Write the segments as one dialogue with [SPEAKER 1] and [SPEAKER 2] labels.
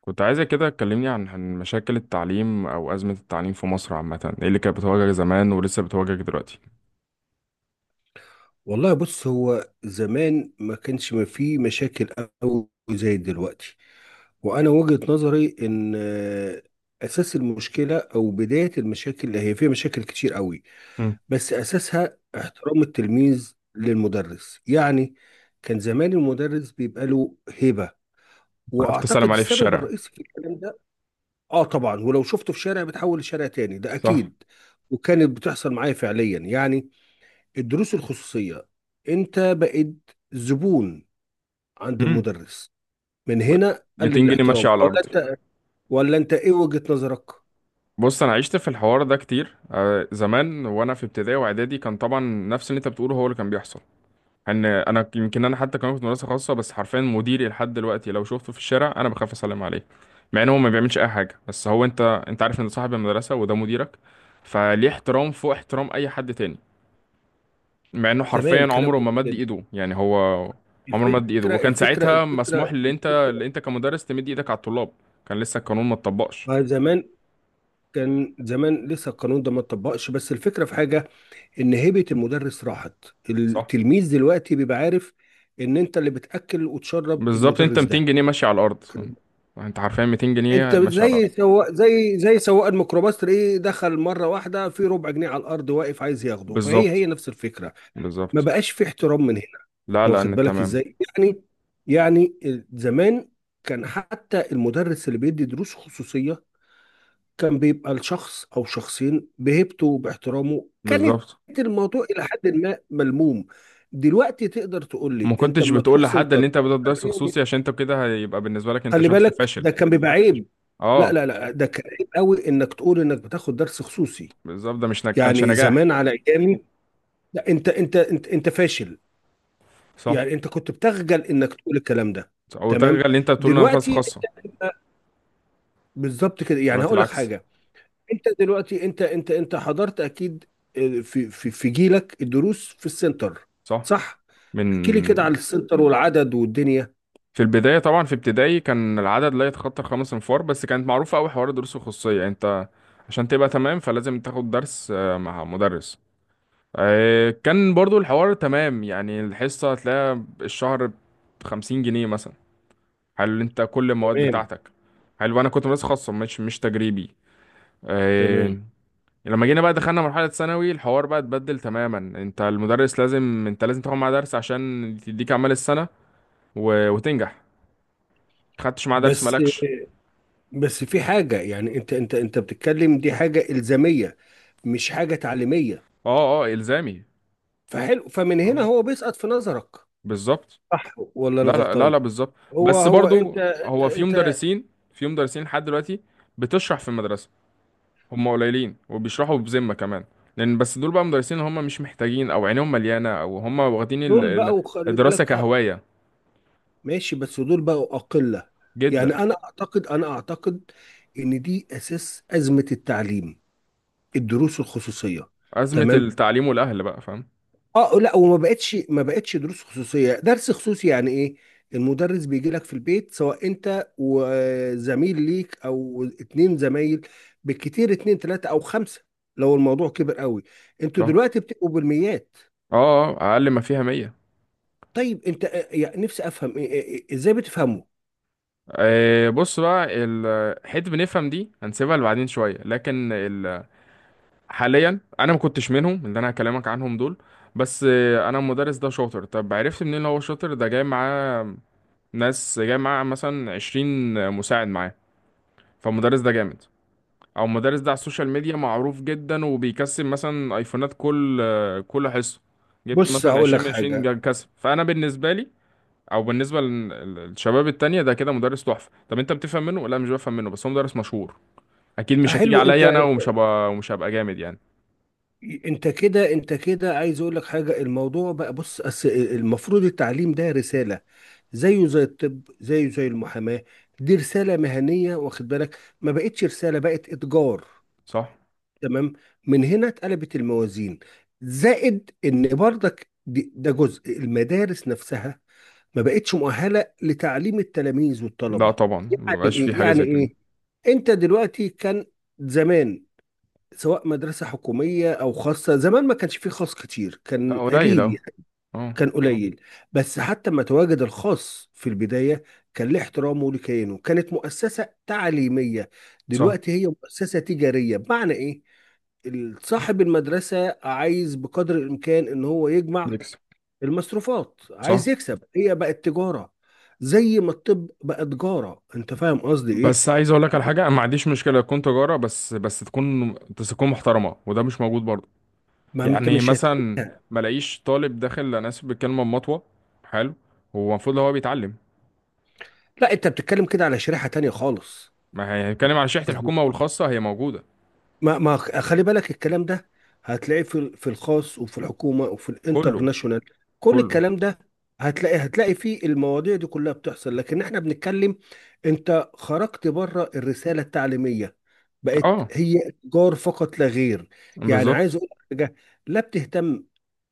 [SPEAKER 1] كنت عايزة كده تكلمني عن مشاكل التعليم أو أزمة التعليم في مصر عامة، إيه اللي كانت بتواجهك زمان ولسه بتواجهك دلوقتي؟
[SPEAKER 2] والله بص هو زمان ما كانش ما فيه مشاكل قوي زي دلوقتي. وانا وجهة نظري ان اساس المشكلة او بداية المشاكل، هي فيها مشاكل كتير قوي،
[SPEAKER 1] مم.
[SPEAKER 2] بس اساسها احترام التلميذ للمدرس. يعني كان زمان المدرس بيبقى له هيبة،
[SPEAKER 1] عرفت
[SPEAKER 2] واعتقد
[SPEAKER 1] تسلم عليه في
[SPEAKER 2] السبب
[SPEAKER 1] الشارع؟
[SPEAKER 2] الرئيسي في الكلام ده. اه طبعا، ولو شفته في شارع بتحول لشارع تاني، ده
[SPEAKER 1] صح.
[SPEAKER 2] اكيد. وكانت بتحصل معايا فعليا، يعني الدروس الخصوصية انت بقيت زبون عند
[SPEAKER 1] مم.
[SPEAKER 2] المدرس. من هنا قل
[SPEAKER 1] 200 جنيه
[SPEAKER 2] الاحترام.
[SPEAKER 1] ماشية على
[SPEAKER 2] ولا
[SPEAKER 1] الأرض.
[SPEAKER 2] انت ولا انت ايه وجهة نظرك؟
[SPEAKER 1] بص، أنا عشت في الحوار ده كتير، زمان وأنا في ابتدائي وإعدادي، كان طبعا نفس اللي أنت بتقوله هو اللي كان بيحصل. إن أنا يمكن أنا حتى كمان كنت مدرسة خاصة، بس حرفيا مديري لحد دلوقتي لو شفته في الشارع أنا بخاف أسلم عليه، مع إن هو ما بيعملش أي حاجة، بس هو أنت عارف إن ده صاحب المدرسة وده مديرك، فليه احترام فوق احترام أي حد تاني، مع انه حرفيا
[SPEAKER 2] تمام، كلام
[SPEAKER 1] عمره ما
[SPEAKER 2] جميل
[SPEAKER 1] مد
[SPEAKER 2] جدا.
[SPEAKER 1] ايده، يعني هو عمره
[SPEAKER 2] الفكرة
[SPEAKER 1] ما مد ايده، وكان
[SPEAKER 2] الفكرة
[SPEAKER 1] ساعتها مسموح
[SPEAKER 2] الفكرة
[SPEAKER 1] اللي انت
[SPEAKER 2] الفكرة
[SPEAKER 1] اللي انت كمدرس تمد ايدك على الطلاب، كان لسه القانون ما اتطبقش.
[SPEAKER 2] ما زمان، كان زمان لسه القانون ده ما اتطبقش، بس الفكرة في حاجة، ان هيبة المدرس راحت.
[SPEAKER 1] صح.
[SPEAKER 2] التلميذ دلوقتي بيبقى عارف ان انت اللي بتأكل وتشرب
[SPEAKER 1] بالظبط، انت
[SPEAKER 2] المدرس
[SPEAKER 1] 200
[SPEAKER 2] ده.
[SPEAKER 1] جنيه ماشي على الارض، انت حرفيا 200 جنيه
[SPEAKER 2] انت
[SPEAKER 1] ماشي على الارض.
[SPEAKER 2] زي سواق، زي سواق الميكروباص، تلاقيه دخل مره واحده في ربع جنيه على الارض، واقف عايز ياخده. فهي
[SPEAKER 1] بالظبط.
[SPEAKER 2] هي نفس الفكره. ما
[SPEAKER 1] بالظبط.
[SPEAKER 2] بقاش في احترام من هنا.
[SPEAKER 1] لا لا،
[SPEAKER 2] واخد
[SPEAKER 1] ان
[SPEAKER 2] بالك
[SPEAKER 1] تمام.
[SPEAKER 2] ازاي؟ يعني يعني زمان، كان حتى المدرس اللي بيدي دروس خصوصيه، كان بيبقى الشخص او شخصين بهيبته وباحترامه، كانت
[SPEAKER 1] بالظبط.
[SPEAKER 2] الموضوع الى حد ما ملموم. دلوقتي تقدر تقول لي
[SPEAKER 1] ما
[SPEAKER 2] انت
[SPEAKER 1] كنتش
[SPEAKER 2] لما
[SPEAKER 1] بتقول
[SPEAKER 2] تروح
[SPEAKER 1] لحد
[SPEAKER 2] سنتر،
[SPEAKER 1] ان انت بدأت درس خصوصي، عشان انت كده هيبقى بالنسبه لك انت
[SPEAKER 2] خلي
[SPEAKER 1] شخص
[SPEAKER 2] بالك
[SPEAKER 1] فاشل.
[SPEAKER 2] ده كان بيبقى عيب. لا
[SPEAKER 1] اه،
[SPEAKER 2] لا لا، ده كان عيب قوي انك تقول انك بتاخد درس خصوصي.
[SPEAKER 1] بالظبط، ده مش كانش
[SPEAKER 2] يعني
[SPEAKER 1] نجاح.
[SPEAKER 2] زمان على ايامي، لا انت فاشل.
[SPEAKER 1] صح.
[SPEAKER 2] يعني انت كنت بتخجل انك تقول الكلام ده.
[SPEAKER 1] او
[SPEAKER 2] تمام.
[SPEAKER 1] تغير اللي انت بتقول انا مدرسه
[SPEAKER 2] دلوقتي
[SPEAKER 1] خاصه.
[SPEAKER 2] انت بالظبط كده. يعني
[SPEAKER 1] دلوقتي
[SPEAKER 2] هقول لك
[SPEAKER 1] العكس.
[SPEAKER 2] حاجه، انت دلوقتي انت حضرت اكيد في جيلك الدروس في السنتر،
[SPEAKER 1] صح.
[SPEAKER 2] صح؟
[SPEAKER 1] من
[SPEAKER 2] احكي لي كده على السنتر والعدد والدنيا.
[SPEAKER 1] في البداية طبعا في ابتدائي كان العدد لا يتخطى الخمس انفار، بس كانت معروفة أوي حوار الدروس الخصوصية، يعني انت عشان تبقى تمام فلازم تاخد درس مع مدرس. كان برضو الحوار تمام، يعني الحصة هتلاقيها الشهر بخمسين جنيه مثلا. حلو، انت كل المواد
[SPEAKER 2] تمام.
[SPEAKER 1] بتاعتك. حلو، انا كنت مدرسة خاصة، مش تجريبي.
[SPEAKER 2] تمام.
[SPEAKER 1] آه، لما جينا بقى دخلنا مرحلة ثانوي الحوار بقى اتبدل تماما، انت المدرس لازم انت لازم تاخد معاه درس عشان تديك اعمال السنة وتنجح، خدتش معاه درس
[SPEAKER 2] بس
[SPEAKER 1] مالكش.
[SPEAKER 2] بس في حاجة، يعني انت بتتكلم دي حاجة إلزامية، مش حاجة تعليمية.
[SPEAKER 1] اه اه، الزامي.
[SPEAKER 2] فحلو، فمن هنا
[SPEAKER 1] اه،
[SPEAKER 2] هو بيسقط في نظرك.
[SPEAKER 1] بالظبط.
[SPEAKER 2] صح ولا
[SPEAKER 1] لا
[SPEAKER 2] انا
[SPEAKER 1] لا لا
[SPEAKER 2] غلطان؟
[SPEAKER 1] لا، بالظبط.
[SPEAKER 2] هو
[SPEAKER 1] بس
[SPEAKER 2] هو
[SPEAKER 1] برضو،
[SPEAKER 2] انت
[SPEAKER 1] هو في
[SPEAKER 2] انت انت
[SPEAKER 1] مدرسين في مدرسين لحد دلوقتي بتشرح في المدرسه، هم قليلين وبيشرحوا بذمه كمان، لان بس دول بقى مدرسين هم مش محتاجين او عينيهم مليانه او هم واخدين
[SPEAKER 2] دول بقوا، خلي
[SPEAKER 1] الدراسه
[SPEAKER 2] بالك، اه
[SPEAKER 1] كهوايه،
[SPEAKER 2] ماشي، بس دول بقوا أقلة.
[SPEAKER 1] جدا.
[SPEAKER 2] يعني انا اعتقد ان دي اساس أزمة التعليم، الدروس الخصوصية.
[SPEAKER 1] ازمه
[SPEAKER 2] تمام.
[SPEAKER 1] التعليم والاهل بقى فاهم.
[SPEAKER 2] اه لا، وما بقتش ما بقتش دروس خصوصيه. درس خصوصي يعني ايه؟ المدرس بيجي لك في البيت، سواء انت وزميل ليك او اتنين زمايل، بالكتير اتنين تلاته او خمسه، لو الموضوع كبر قوي. انتوا
[SPEAKER 1] صح.
[SPEAKER 2] دلوقتي بتبقوا بالميات.
[SPEAKER 1] اه اه، اقل ما فيها 100.
[SPEAKER 2] طيب انت يعني نفسي افهم ازاي بتفهموا؟
[SPEAKER 1] بص بقى، حته بنفهم دي هنسيبها لبعدين شويه، لكن حاليا انا ما كنتش منهم، اللي انا هكلمك عنهم دول بس انا المدرس ده شاطر، طب عرفت منين إن هو شاطر؟ ده جاي معاه ناس جاي معاه مثلا 20 مساعد معاه، فالمدرس ده جامد، او المدرس ده على السوشيال ميديا معروف جدا وبيكسب مثلا ايفونات كل كل حصه، جبت
[SPEAKER 2] بص
[SPEAKER 1] مثلا
[SPEAKER 2] هقول
[SPEAKER 1] 20
[SPEAKER 2] لك
[SPEAKER 1] من 20،
[SPEAKER 2] حاجه.
[SPEAKER 1] كسب، فانا بالنسبه لي او بالنسبه للشباب التانية ده كده مدرس تحفه. طب انت بتفهم منه؟ لا مش بفهم منه، بس هو مدرس مشهور، اكيد مش هتيجي
[SPEAKER 2] حلو، انت
[SPEAKER 1] عليا انا ومش هبقى جامد يعني.
[SPEAKER 2] انت كده، عايز اقول لك حاجه. الموضوع بقى بص، المفروض التعليم ده رساله، زيه زي الطب، زيه زي المحاماه. دي رساله مهنيه، واخد بالك؟ ما بقتش رساله، بقت اتجار.
[SPEAKER 1] صح.
[SPEAKER 2] تمام. من هنا اتقلبت الموازين. زائد ان برضك ده جزء. المدارس نفسها ما بقتش مؤهله لتعليم التلاميذ
[SPEAKER 1] لا
[SPEAKER 2] والطلبه.
[SPEAKER 1] طبعا،
[SPEAKER 2] يعني
[SPEAKER 1] مبقاش في
[SPEAKER 2] ايه
[SPEAKER 1] حاجة
[SPEAKER 2] يعني
[SPEAKER 1] زي كده.
[SPEAKER 2] ايه انت دلوقتي، كان زمان سواء مدرسة حكومية أو خاصة، زمان ما كانش فيه خاص كتير،
[SPEAKER 1] لا
[SPEAKER 2] كان
[SPEAKER 1] قليل
[SPEAKER 2] قليل
[SPEAKER 1] أوي.
[SPEAKER 2] يعني.
[SPEAKER 1] اه.
[SPEAKER 2] كان قليل. بس حتى ما تواجد الخاص في البداية، كان له احترامه ولكيانه، كانت مؤسسة تعليمية.
[SPEAKER 1] صح.
[SPEAKER 2] دلوقتي هي مؤسسة تجارية، بمعنى إيه؟ صاحب المدرسة عايز بقدر الإمكان إن هو يجمع
[SPEAKER 1] يكسب.
[SPEAKER 2] المصروفات،
[SPEAKER 1] صح.
[SPEAKER 2] عايز يكسب. هي بقت تجارة، زي ما الطب بقى تجارة. أنت فاهم قصدي إيه؟
[SPEAKER 1] بس عايز اقول لك على حاجه، انا ما عنديش مشكله تكون تجاره، بس تكون تكون محترمه، وده مش موجود برضه.
[SPEAKER 2] ما أنت
[SPEAKER 1] يعني
[SPEAKER 2] مش
[SPEAKER 1] مثلا
[SPEAKER 2] هتلاقيها.
[SPEAKER 1] ما الاقيش طالب داخل، انا اسف بالكلمه، مطوه. حلو. هو المفروض هو بيتعلم.
[SPEAKER 2] لا، أنت بتتكلم كده على شريحة تانية خالص.
[SPEAKER 1] ما هنتكلم عن شحت، الحكومه والخاصه هي موجوده.
[SPEAKER 2] ما خلي بالك الكلام ده هتلاقيه في في الخاص وفي الحكومه وفي
[SPEAKER 1] كله.
[SPEAKER 2] الانترناشونال. كل
[SPEAKER 1] كله.
[SPEAKER 2] الكلام ده، هتلاقي فيه المواضيع دي كلها بتحصل. لكن احنا بنتكلم، انت خرجت بره الرساله التعليميه، بقت
[SPEAKER 1] اه،
[SPEAKER 2] هي تجار فقط لا غير. يعني
[SPEAKER 1] بالظبط.
[SPEAKER 2] عايز اقول لك حاجه، لا بتهتم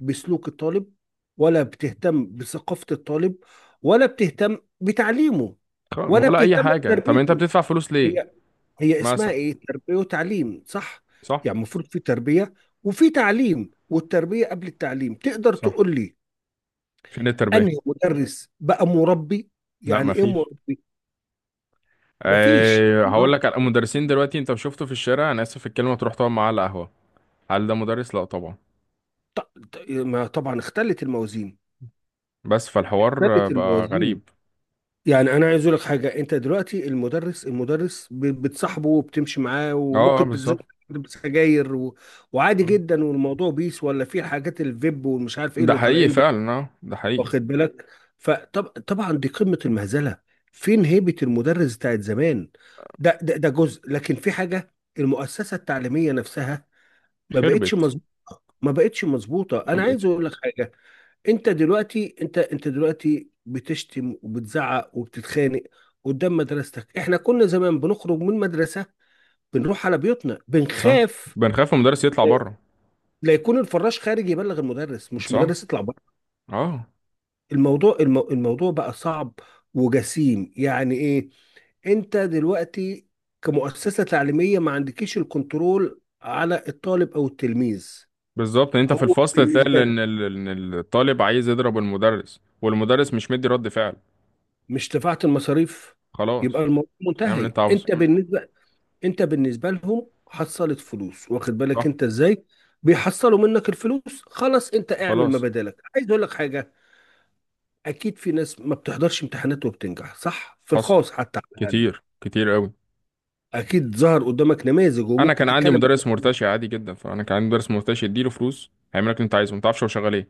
[SPEAKER 2] بسلوك الطالب، ولا بتهتم بثقافه الطالب، ولا بتهتم بتعليمه، ولا
[SPEAKER 1] ولا اي
[SPEAKER 2] بتهتم
[SPEAKER 1] حاجه، طب انت
[SPEAKER 2] بتربيته.
[SPEAKER 1] بتدفع فلوس ليه؟
[SPEAKER 2] هي هي اسمها
[SPEAKER 1] مثلا.
[SPEAKER 2] ايه؟ تربية وتعليم، صح؟
[SPEAKER 1] صح.
[SPEAKER 2] يعني المفروض في تربية وفي تعليم، والتربية قبل التعليم. تقدر
[SPEAKER 1] صح.
[SPEAKER 2] تقول لي
[SPEAKER 1] فين التربيه؟
[SPEAKER 2] انهي مدرس بقى مربي؟
[SPEAKER 1] لا
[SPEAKER 2] يعني
[SPEAKER 1] ما
[SPEAKER 2] ايه
[SPEAKER 1] فيش.
[SPEAKER 2] مربي؟ مفيش
[SPEAKER 1] أه، هقول لك على
[SPEAKER 2] مربي.
[SPEAKER 1] المدرسين دلوقتي، انت شفته في الشارع، انا اسف في الكلمه، تروح تقعد معاه على قهوه، هل ده مدرس؟ لا طبعا.
[SPEAKER 2] ما طبعا اختلت الموازين.
[SPEAKER 1] بس فالحوار
[SPEAKER 2] اختلت
[SPEAKER 1] بقى
[SPEAKER 2] الموازين.
[SPEAKER 1] غريب.
[SPEAKER 2] يعني انا عايز اقول لك حاجة، انت دلوقتي المدرس بتصاحبه وبتمشي معاه،
[SPEAKER 1] اه،
[SPEAKER 2] وممكن بتزود
[SPEAKER 1] بالظبط.
[SPEAKER 2] بسجاير و... وعادي
[SPEAKER 1] آه.
[SPEAKER 2] جدا، والموضوع بيس، ولا في حاجات الفيب والمش عارف ايه
[SPEAKER 1] ده
[SPEAKER 2] اللي
[SPEAKER 1] حقيقي
[SPEAKER 2] طالعين،
[SPEAKER 1] فعلا، اه، ده حقيقي.
[SPEAKER 2] واخد بالك؟ فطبعا دي قمة المهزلة. فين هيبة المدرس بتاعت زمان؟ ده جزء، لكن في حاجة، المؤسسة التعليمية نفسها ما بقتش
[SPEAKER 1] خربت.
[SPEAKER 2] مظبوط. ما بقتش مظبوطة.
[SPEAKER 1] ما
[SPEAKER 2] انا عايز
[SPEAKER 1] بقتش.
[SPEAKER 2] اقول لك حاجة، انت دلوقتي، انت دلوقتي بتشتم وبتزعق وبتتخانق قدام مدرستك. احنا كنا زمان بنخرج من مدرسة، بنروح على بيوتنا
[SPEAKER 1] صح.
[SPEAKER 2] بنخاف
[SPEAKER 1] بنخاف من المدرس يطلع بره.
[SPEAKER 2] لا يكون الفراش خارج يبلغ المدرس، مش
[SPEAKER 1] صح.
[SPEAKER 2] مدرس يطلع بره.
[SPEAKER 1] اه.
[SPEAKER 2] الموضوع الموضوع بقى صعب وجسيم. يعني ايه؟ انت دلوقتي كمؤسسة تعليمية ما عندكيش الكنترول على الطالب او التلميذ.
[SPEAKER 1] بالظبط، انت في
[SPEAKER 2] هو
[SPEAKER 1] الفصل تلاقي ال-
[SPEAKER 2] بالنسبة لك،
[SPEAKER 1] ان ال- ان الطالب عايز يضرب المدرس والمدرس مش مدي رد فعل.
[SPEAKER 2] مش دفعت المصاريف، يبقى
[SPEAKER 1] خلاص.
[SPEAKER 2] الموضوع
[SPEAKER 1] اعمل اللي
[SPEAKER 2] منتهي.
[SPEAKER 1] انت عاوزه.
[SPEAKER 2] انت بالنسبة، انت بالنسبة لهم حصلت فلوس، واخد بالك
[SPEAKER 1] صح.
[SPEAKER 2] انت ازاي بيحصلوا منك الفلوس؟ خلاص، انت اعمل ما
[SPEAKER 1] خلاص.
[SPEAKER 2] بدالك. عايز اقول لك حاجة، اكيد في ناس ما بتحضرش امتحانات وبتنجح، صح، في
[SPEAKER 1] حصل،
[SPEAKER 2] الخاص حتى على الاقل.
[SPEAKER 1] كتير كتير قوي.
[SPEAKER 2] اكيد ظهر قدامك نماذج
[SPEAKER 1] انا
[SPEAKER 2] وممكن
[SPEAKER 1] كان عندي
[SPEAKER 2] تتكلم.
[SPEAKER 1] مدرس مرتشي عادي جدا، فانا كان عندي مدرس مرتشي اديله فلوس هيعمل لك اللي انت عايزه، ما تعرفش هو شغال ايه،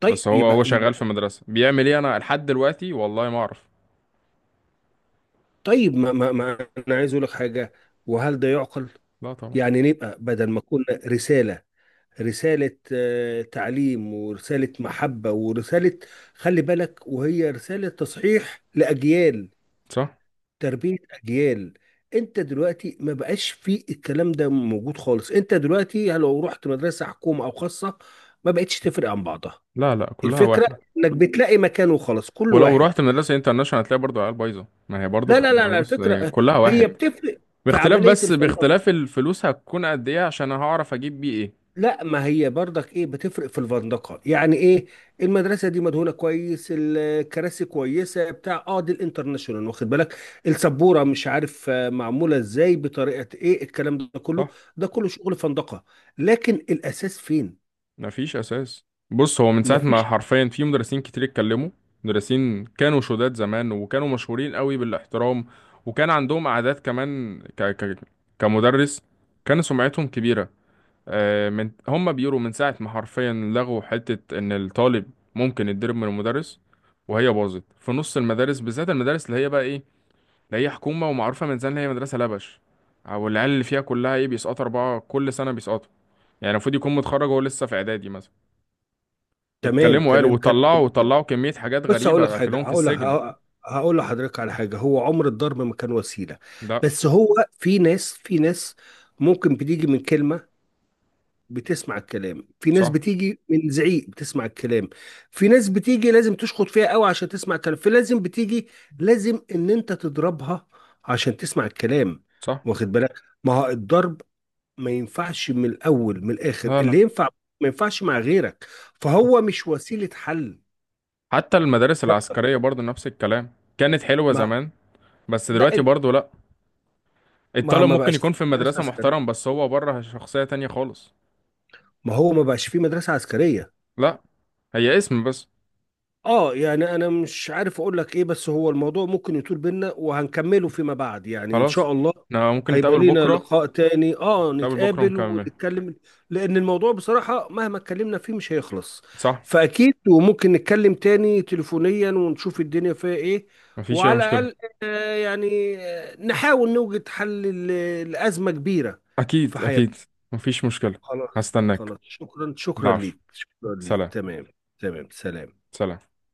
[SPEAKER 2] طيب
[SPEAKER 1] بس هو
[SPEAKER 2] يبقى
[SPEAKER 1] شغال في
[SPEAKER 2] يبقى
[SPEAKER 1] مدرسه بيعمل ايه انا لحد دلوقتي والله ما اعرف.
[SPEAKER 2] طيب، ما انا عايز اقول لك حاجه، وهل ده يعقل؟
[SPEAKER 1] لا طبعا.
[SPEAKER 2] يعني نبقى بدل ما كنا رساله، رساله تعليم، ورساله محبه، ورساله، خلي بالك، وهي رساله تصحيح لاجيال،
[SPEAKER 1] صح.
[SPEAKER 2] تربيه اجيال. انت دلوقتي ما بقاش في الكلام ده موجود خالص. انت دلوقتي لو رحت مدرسه حكومه او خاصه، ما بقتش تفرق عن بعضها.
[SPEAKER 1] لا لا، كلها
[SPEAKER 2] الفكره
[SPEAKER 1] واحد.
[SPEAKER 2] انك بتلاقي مكان وخلاص، كل
[SPEAKER 1] ولو
[SPEAKER 2] واحد.
[SPEAKER 1] رحت مدرسه انترناشونال هتلاقي برضه عيال بايظه، ما هي برضه
[SPEAKER 2] لا لا لا
[SPEAKER 1] ما
[SPEAKER 2] لا،
[SPEAKER 1] بص
[SPEAKER 2] الفكرة
[SPEAKER 1] إيه، كلها
[SPEAKER 2] هي
[SPEAKER 1] واحد،
[SPEAKER 2] بتفرق في
[SPEAKER 1] باختلاف،
[SPEAKER 2] عملية
[SPEAKER 1] بس
[SPEAKER 2] الفندقة.
[SPEAKER 1] باختلاف الفلوس هتكون قد ايه عشان هعرف اجيب بيه ايه.
[SPEAKER 2] لا، ما هي برضك ايه بتفرق في الفندقة؟ يعني ايه؟ المدرسة دي مدهونة كويس، الكراسي كويسة بتاع اه، دي الانترناشونال، واخد بالك؟ السبورة مش عارف معمولة ازاي، بطريقة ايه، الكلام ده كله
[SPEAKER 1] صح.
[SPEAKER 2] ده كله شغل فندقة. لكن الاساس فين؟
[SPEAKER 1] مفيش اساس. بص، هو من ساعه ما
[SPEAKER 2] مفيش.
[SPEAKER 1] حرفيا في مدرسين كتير اتكلموا، مدرسين كانوا شداد زمان وكانوا مشهورين قوي بالاحترام، وكان عندهم اعداد كمان كمدرس، كان سمعتهم كبيره. من هم بيقولوا من ساعه ما حرفيا لغوا حته ان الطالب ممكن يتضرب من المدرس، وهي باظت في نص المدارس، بالذات المدارس اللي هي بقى ايه، اللي هي حكومه ومعروفه من زمان، اللي هي مدرسه لبش، او العيال اللي فيها كلها ايه بيسقطوا اربعه كل سنه بيسقطوا، يعني المفروض يكون متخرج وهو لسه في اعدادي مثلا.
[SPEAKER 2] تمام،
[SPEAKER 1] اتكلموا قالوا
[SPEAKER 2] تمام، كلام
[SPEAKER 1] وطلعوا
[SPEAKER 2] جميل جدا.
[SPEAKER 1] كمية حاجات
[SPEAKER 2] بس هقول لك
[SPEAKER 1] غريبة،
[SPEAKER 2] حاجة،
[SPEAKER 1] أكلهم في
[SPEAKER 2] هقول
[SPEAKER 1] السجن.
[SPEAKER 2] ه- هقول لحضرتك على حاجة، هو عمر الضرب ما كان وسيلة،
[SPEAKER 1] ده.
[SPEAKER 2] بس هو في ناس، في ناس ممكن بتيجي من كلمة، بتسمع الكلام. في ناس
[SPEAKER 1] صح.
[SPEAKER 2] بتيجي من زعيق، بتسمع الكلام. في ناس بتيجي لازم تشخط فيها قوي عشان تسمع الكلام. في لازم بتيجي لازم ان انت تضربها عشان تسمع الكلام،
[SPEAKER 1] صح.
[SPEAKER 2] واخد بالك؟ ما هو الضرب ما ينفعش من الاول. من الاخر
[SPEAKER 1] لا لا.
[SPEAKER 2] اللي ينفع ما ينفعش مع غيرك،
[SPEAKER 1] صح.
[SPEAKER 2] فهو مش وسيلة حل.
[SPEAKER 1] حتى المدارس العسكرية برضو نفس الكلام، كانت حلوة
[SPEAKER 2] ما
[SPEAKER 1] زمان، بس
[SPEAKER 2] ده،
[SPEAKER 1] دلوقتي برضو لا.
[SPEAKER 2] ما
[SPEAKER 1] الطالب
[SPEAKER 2] ما
[SPEAKER 1] ممكن
[SPEAKER 2] بقاش في
[SPEAKER 1] يكون في
[SPEAKER 2] مدرسة
[SPEAKER 1] المدرسة محترم،
[SPEAKER 2] عسكرية.
[SPEAKER 1] بس هو بره شخصية تانية خالص.
[SPEAKER 2] ما هو ما بقاش في مدرسة عسكرية.
[SPEAKER 1] لا. هي اسم بس.
[SPEAKER 2] اه يعني انا مش عارف اقول لك ايه، بس هو الموضوع ممكن يطول بينا، وهنكمله فيما بعد يعني ان
[SPEAKER 1] خلاص.
[SPEAKER 2] شاء الله.
[SPEAKER 1] احنا ممكن
[SPEAKER 2] هيبقى
[SPEAKER 1] نتقابل
[SPEAKER 2] لينا
[SPEAKER 1] بكرة.
[SPEAKER 2] لقاء تاني، اه
[SPEAKER 1] نتقابل بكرة
[SPEAKER 2] نتقابل
[SPEAKER 1] ونكمل.
[SPEAKER 2] ونتكلم، لان الموضوع بصراحة مهما اتكلمنا فيه مش هيخلص.
[SPEAKER 1] صح.
[SPEAKER 2] فاكيد وممكن نتكلم تاني تليفونيا، ونشوف الدنيا فيها ايه.
[SPEAKER 1] مفيش أي
[SPEAKER 2] وعلى
[SPEAKER 1] مشكلة.
[SPEAKER 2] الاقل، آه يعني نحاول نوجد حل لأزمة كبيرة في
[SPEAKER 1] أكيد أكيد.
[SPEAKER 2] حياتنا.
[SPEAKER 1] مفيش مشكلة.
[SPEAKER 2] خلاص.
[SPEAKER 1] هستناك.
[SPEAKER 2] خلاص، شكرا، شكرا
[SPEAKER 1] ضعف.
[SPEAKER 2] ليك شكرا ليك
[SPEAKER 1] سلام.
[SPEAKER 2] تمام. تمام، سلام.
[SPEAKER 1] سلام.